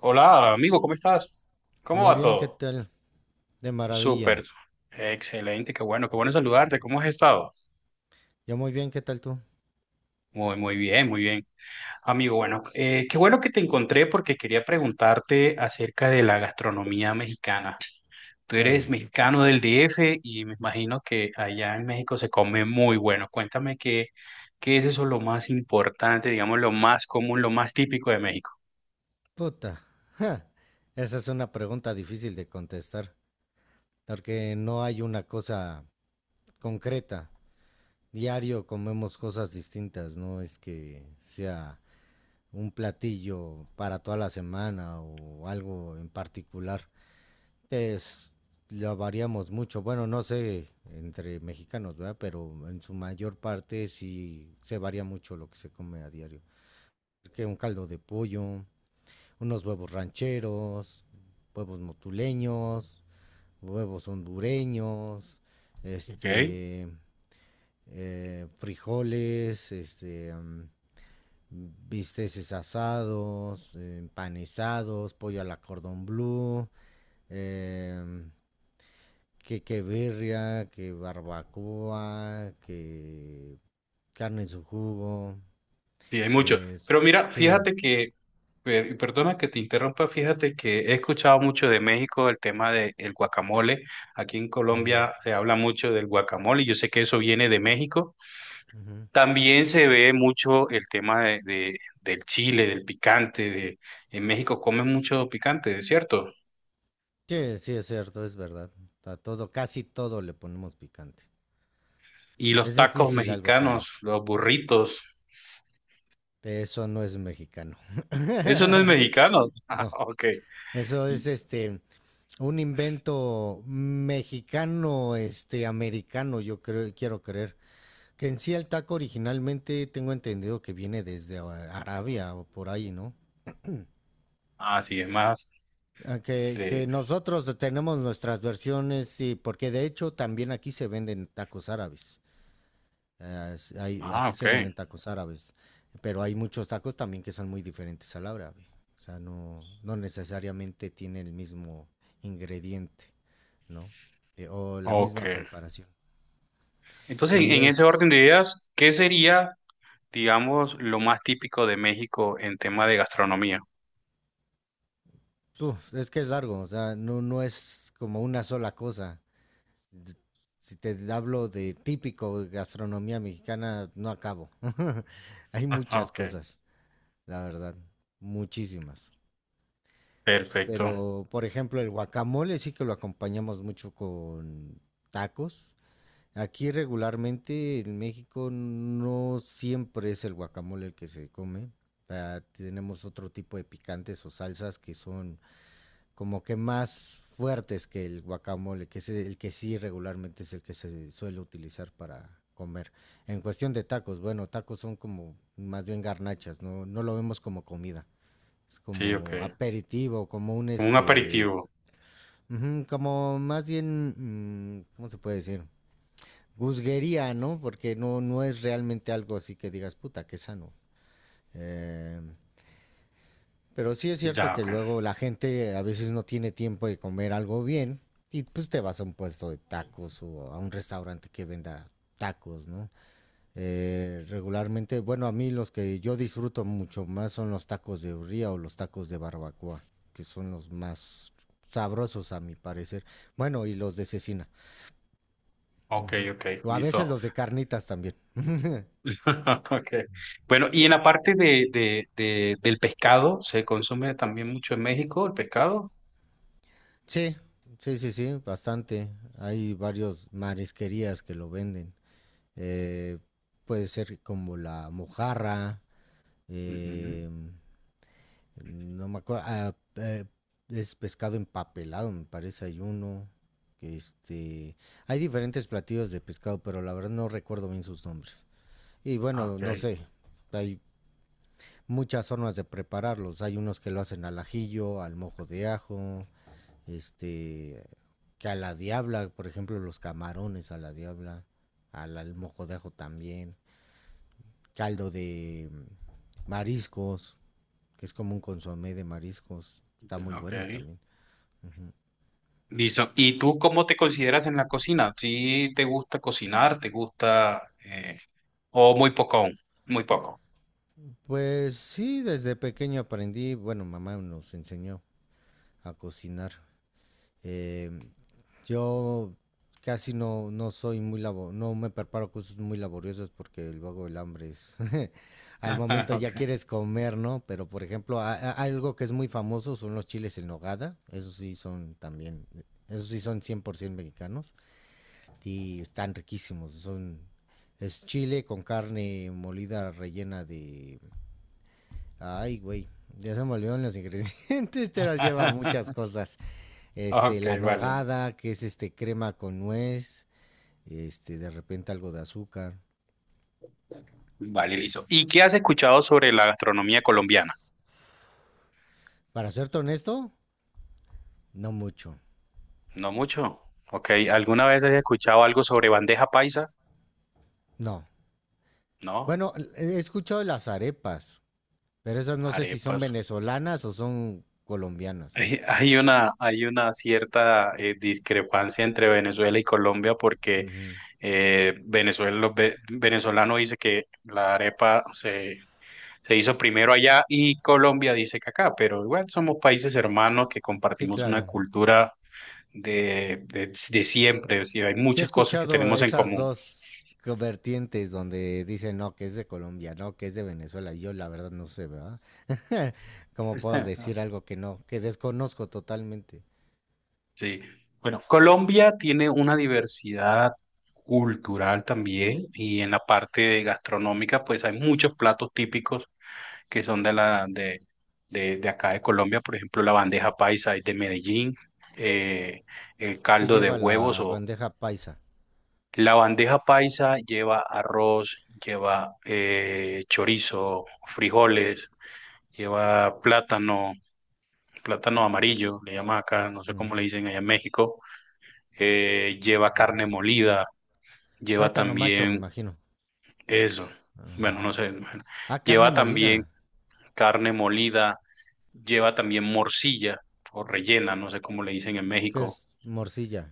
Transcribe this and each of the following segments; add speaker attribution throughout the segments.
Speaker 1: Hola, amigo, ¿cómo estás? ¿Cómo
Speaker 2: Muy
Speaker 1: va
Speaker 2: bien, ¿qué
Speaker 1: todo?
Speaker 2: tal? De
Speaker 1: Súper,
Speaker 2: maravilla.
Speaker 1: excelente, qué bueno saludarte. ¿Cómo has estado?
Speaker 2: Yo muy bien, ¿qué tal tú?
Speaker 1: Muy bien, muy bien. Amigo, bueno, qué bueno que te encontré porque quería preguntarte acerca de la gastronomía mexicana. Tú eres
Speaker 2: Claro.
Speaker 1: mexicano del DF y me imagino que allá en México se come muy bueno. Cuéntame qué es eso lo más importante, digamos, lo más común, lo más típico de México.
Speaker 2: Puta. Ja. Esa es una pregunta difícil de contestar, porque no hay una cosa concreta. Diario comemos cosas distintas, no es que sea un platillo para toda la semana o algo en particular. Es, lo variamos mucho. Bueno, no sé entre mexicanos, ¿verdad? Pero en su mayor parte sí se varía mucho lo que se come a diario. Que un caldo de pollo, unos huevos rancheros, huevos motuleños, huevos hondureños,
Speaker 1: Ok.
Speaker 2: este, frijoles, bisteces asados, empanizados, pollo a la cordón blue, em, que birria, que barbacoa, que carne en su jugo,
Speaker 1: Sí, hay mucho.
Speaker 2: eh,
Speaker 1: Pero mira,
Speaker 2: sí,
Speaker 1: y perdona que te interrumpa, fíjate que he escuchado mucho de México el tema del guacamole. Aquí en
Speaker 2: mm,
Speaker 1: Colombia se habla mucho del guacamole, yo sé que eso viene de México.
Speaker 2: ujú.
Speaker 1: También se ve mucho el tema de- del chile, del picante. De, en México comen mucho picante, ¿es cierto?
Speaker 2: Sí, sí, es cierto, es verdad. A todo, casi todo le ponemos picante.
Speaker 1: Y los
Speaker 2: Es
Speaker 1: tacos
Speaker 2: difícil algo que no.
Speaker 1: mexicanos, los burritos.
Speaker 2: De eso no es mexicano.
Speaker 1: Eso no es mexicano. Ah,
Speaker 2: No,
Speaker 1: ok.
Speaker 2: eso
Speaker 1: Y-
Speaker 2: es un invento mexicano, este americano, yo creo, quiero creer. Que en sí el taco originalmente tengo entendido que viene desde Arabia o por ahí, ¿no?
Speaker 1: ah, sí, es más
Speaker 2: Ah, Que,
Speaker 1: de.
Speaker 2: que nosotros tenemos nuestras versiones y porque de hecho también aquí se venden tacos árabes.
Speaker 1: Ah,
Speaker 2: Aquí
Speaker 1: ok.
Speaker 2: se venden tacos árabes, pero hay muchos tacos también que son muy diferentes al árabe. O sea, no, no necesariamente tiene el mismo ingrediente, ¿no? O la
Speaker 1: Ok.
Speaker 2: misma preparación.
Speaker 1: Entonces,
Speaker 2: Y
Speaker 1: en ese orden
Speaker 2: es,
Speaker 1: de ideas, ¿qué sería, digamos, lo más típico de México en tema de gastronomía?
Speaker 2: uf, es que es largo, o sea, no, no es como una sola cosa. D- Si te hablo de típico de gastronomía mexicana, no acabo. Hay
Speaker 1: Ajá,
Speaker 2: muchas
Speaker 1: ok,
Speaker 2: cosas, la verdad, muchísimas.
Speaker 1: perfecto.
Speaker 2: Pero, por ejemplo, el guacamole sí que lo acompañamos mucho con tacos. Aquí regularmente en México no siempre es el guacamole el que se come. Ah, tenemos otro tipo de picantes o salsas que son como que más fuertes que el guacamole, que es el que sí regularmente es el que se suele utilizar para comer. En cuestión de tacos, bueno, tacos son como más bien garnachas, no, no lo vemos como comida, es
Speaker 1: Sí, ok.
Speaker 2: como aperitivo, como un
Speaker 1: Como un
Speaker 2: este.
Speaker 1: aperitivo.
Speaker 2: Ujú, como más bien, mm, ¿cómo se puede decir? Gusguería, ¿no? Porque no, no es realmente algo así que digas, puta, qué sano. Eh, pero sí es cierto
Speaker 1: Ya,
Speaker 2: que
Speaker 1: ok.
Speaker 2: luego la gente a veces no tiene tiempo de comer algo bien y pues te vas a un puesto de tacos o a un restaurante que venda tacos, ¿no? Regularmente, bueno, a mí los que yo disfruto mucho más son los tacos de birria o los tacos de barbacoa, que son los más sabrosos a mi parecer. Bueno, y los de cecina.
Speaker 1: Ok,
Speaker 2: Ujú.
Speaker 1: ok,
Speaker 2: O a veces
Speaker 1: listo.
Speaker 2: los de carnitas también.
Speaker 1: Ok. Bueno, y en la parte del pescado, ¿se consume también mucho en México el pescado?
Speaker 2: Sí, sí, bastante. Hay varios marisquerías que lo venden. Eh, puede ser como la mojarra,
Speaker 1: Ujú.
Speaker 2: eh, no me acuerdo, es pescado empapelado, me parece, hay uno. Que Este, hay diferentes platillos de pescado, pero la verdad no recuerdo bien sus nombres. Y
Speaker 1: Ah,
Speaker 2: bueno,
Speaker 1: ok,
Speaker 2: no sé, hay muchas formas de prepararlos. Hay unos que lo hacen al ajillo, al mojo de ajo, este, que a la diabla, por ejemplo, los camarones a la diabla, al mojo de ajo también, caldo de mariscos, que es como un consomé de mariscos, está muy
Speaker 1: ok.
Speaker 2: bueno también. Ujú.
Speaker 1: Listo. ¿Y tú cómo te consideras en la cocina? ¿Sí te gusta cocinar? ¿Te gusta, o muy poco aún? Muy poco.
Speaker 2: Pues sí, desde pequeño aprendí, bueno, mamá nos enseñó a cocinar. Eh, Yo casi no, no soy muy labo, no me preparo cosas muy laboriosas porque luego el hambre es al momento ya
Speaker 1: Ok.
Speaker 2: quieres comer, ¿no? Pero por ejemplo, algo que es muy famoso son los chiles en nogada, esos sí son también, esos sí son 100% mexicanos y están riquísimos, son es chile con carne molida rellena de ay, güey, ya se me olvidaron los ingredientes, pero lleva muchas cosas. Este,
Speaker 1: Ok,
Speaker 2: la
Speaker 1: vale.
Speaker 2: nogada, que es este crema con nuez, este, de repente algo de azúcar.
Speaker 1: Vale, listo. ¿Y qué has escuchado sobre la gastronomía colombiana?
Speaker 2: Para serte honesto, no mucho,
Speaker 1: No mucho. Ok, ¿alguna vez has escuchado algo sobre bandeja paisa?
Speaker 2: no.
Speaker 1: No,
Speaker 2: Bueno, he escuchado de las arepas, pero esas no sé si son
Speaker 1: arepas.
Speaker 2: venezolanas o son colombianas.
Speaker 1: Hay, hay una cierta discrepancia entre Venezuela y Colombia porque
Speaker 2: Ujú.
Speaker 1: Venezuela, los venezolano dice que se hizo primero allá y Colombia dice que acá, pero igual somos países hermanos que
Speaker 2: Sí,
Speaker 1: compartimos una
Speaker 2: claro.
Speaker 1: cultura de siempre, sí, hay
Speaker 2: Sí he
Speaker 1: muchas cosas que
Speaker 2: escuchado
Speaker 1: tenemos en
Speaker 2: esas
Speaker 1: común.
Speaker 2: dos vertientes donde dicen, no, que es de Colombia, no, que es de Venezuela. Yo la verdad no sé, ¿verdad? ¿Cómo puedo decir algo que no, que desconozco totalmente?
Speaker 1: Sí. Bueno, Colombia tiene una diversidad cultural también y en la parte de gastronómica pues hay muchos platos típicos que son de acá de Colombia, por ejemplo la bandeja paisa es de Medellín, eh, el
Speaker 2: ¿Qué
Speaker 1: caldo de
Speaker 2: lleva
Speaker 1: huevos
Speaker 2: la
Speaker 1: o
Speaker 2: bandeja paisa?
Speaker 1: la bandeja paisa lleva arroz, lleva chorizo, frijoles, lleva plátano, plátano amarillo, le llaman acá, no sé cómo le
Speaker 2: Ujú,
Speaker 1: dicen allá en México, lleva
Speaker 2: ujú.
Speaker 1: carne molida, lleva
Speaker 2: Plátano macho, me
Speaker 1: también
Speaker 2: imagino.
Speaker 1: eso, bueno,
Speaker 2: Ah,
Speaker 1: no sé, bueno,
Speaker 2: ah, carne
Speaker 1: lleva
Speaker 2: molida,
Speaker 1: también carne molida, lleva también morcilla o rellena, no sé cómo le dicen en
Speaker 2: que es
Speaker 1: México.
Speaker 2: morcilla.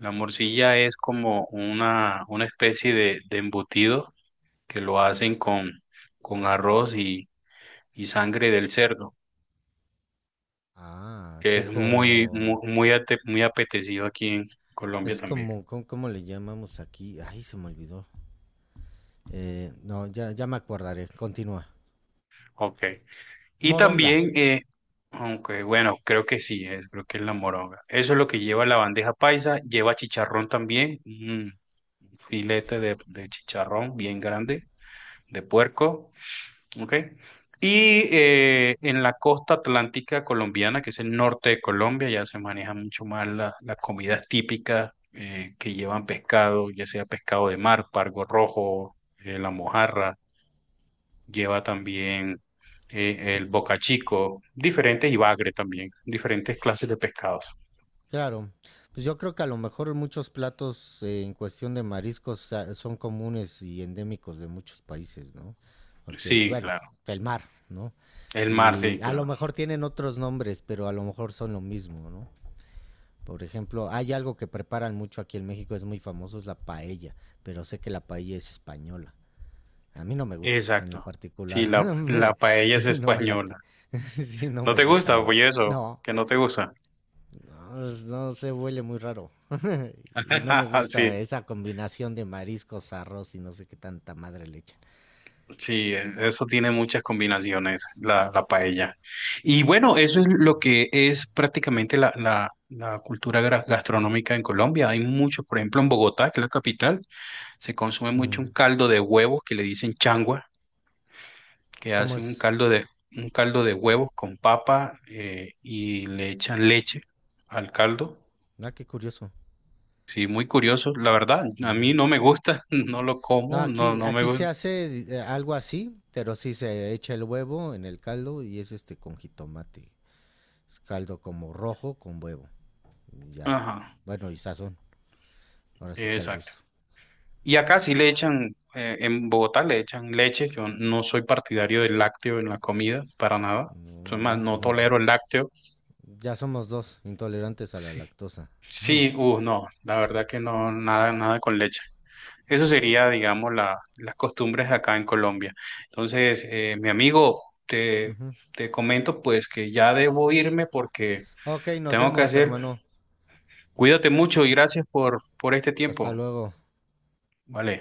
Speaker 1: La morcilla es como una especie de embutido que lo hacen con arroz y sangre del cerdo,
Speaker 2: Ah,
Speaker 1: que es
Speaker 2: tipo,
Speaker 1: muy apetecido aquí en Colombia
Speaker 2: es
Speaker 1: también.
Speaker 2: como, ¿cómo, cómo le llamamos aquí? Ay, se me olvidó. No, ya me acordaré, continúa.
Speaker 1: Ok. Y
Speaker 2: Moronga,
Speaker 1: también, aunque bueno, creo que sí, es, creo que es la moronga. Eso es lo que lleva la bandeja paisa, lleva chicharrón también, un filete de chicharrón bien grande, de puerco, ¿ok? Y en la costa atlántica colombiana, que es el norte de Colombia, ya se maneja mucho más las comidas típicas que llevan pescado, ya sea pescado de mar, pargo rojo, la mojarra lleva también el bocachico, diferentes y bagre también, diferentes clases de pescados.
Speaker 2: claro. Pues yo creo que a lo mejor muchos platos en cuestión de mariscos son comunes y endémicos de muchos países, ¿no? Porque, pues,
Speaker 1: Sí,
Speaker 2: bueno,
Speaker 1: claro.
Speaker 2: el mar, ¿no?
Speaker 1: El mar,
Speaker 2: Y
Speaker 1: sí,
Speaker 2: a lo
Speaker 1: claro.
Speaker 2: mejor tienen otros nombres, pero a lo mejor son lo mismo, ¿no? Por ejemplo, hay algo que preparan mucho aquí en México, es muy famoso, es la paella, pero sé que la paella es española. A mí no me gusta, en lo
Speaker 1: Exacto.
Speaker 2: particular.
Speaker 1: Sí, la paella es
Speaker 2: No me
Speaker 1: española.
Speaker 2: late. Sí, no
Speaker 1: ¿No
Speaker 2: me
Speaker 1: te
Speaker 2: gusta a
Speaker 1: gusta?
Speaker 2: mí.
Speaker 1: Oye, eso,
Speaker 2: No,
Speaker 1: que no te gusta.
Speaker 2: no, no se huele muy raro. Y no me gusta
Speaker 1: Sí,
Speaker 2: esa combinación de mariscos, arroz y no sé qué tanta madre le echan.
Speaker 1: sí, eso tiene muchas combinaciones, la paella. Y bueno, eso es lo que es prácticamente la cultura gastronómica en Colombia. Hay muchos, por ejemplo, en Bogotá, que es la capital, se consume mucho
Speaker 2: Ujú.
Speaker 1: un caldo de huevo que le dicen changua, que
Speaker 2: ¿Cómo
Speaker 1: hacen un
Speaker 2: es?
Speaker 1: caldo un caldo de huevos con papa y le echan leche al caldo.
Speaker 2: Ah, qué curioso.
Speaker 1: Sí, muy curioso. La verdad,
Speaker 2: Sí.
Speaker 1: a mí no me gusta, no lo
Speaker 2: No,
Speaker 1: como, no,
Speaker 2: aquí,
Speaker 1: no me
Speaker 2: aquí
Speaker 1: gusta.
Speaker 2: se hace algo así, pero sí se echa el huevo en el caldo y es este con jitomate. Es caldo como rojo con huevo. Ya.
Speaker 1: Ajá,
Speaker 2: Bueno, y sazón. Ahora sí que al
Speaker 1: exacto.
Speaker 2: gusto.
Speaker 1: Y acá sí le echan, en Bogotá le echan leche. Yo no soy partidario del lácteo en la comida, para nada.
Speaker 2: No
Speaker 1: Soy más, no
Speaker 2: manches, no.
Speaker 1: tolero el lácteo.
Speaker 2: Ya somos dos, intolerantes a la lactosa.
Speaker 1: Sí, no, la verdad que no, nada, nada con leche. Eso sería, digamos, las costumbres acá en Colombia. Entonces, mi amigo,
Speaker 2: Ujú.
Speaker 1: te comento pues que ya debo irme porque
Speaker 2: Ok, nos
Speaker 1: tengo que
Speaker 2: vemos,
Speaker 1: hacer.
Speaker 2: hermano.
Speaker 1: Cuídate mucho y gracias por este tiempo.
Speaker 2: Hasta luego.
Speaker 1: Vale.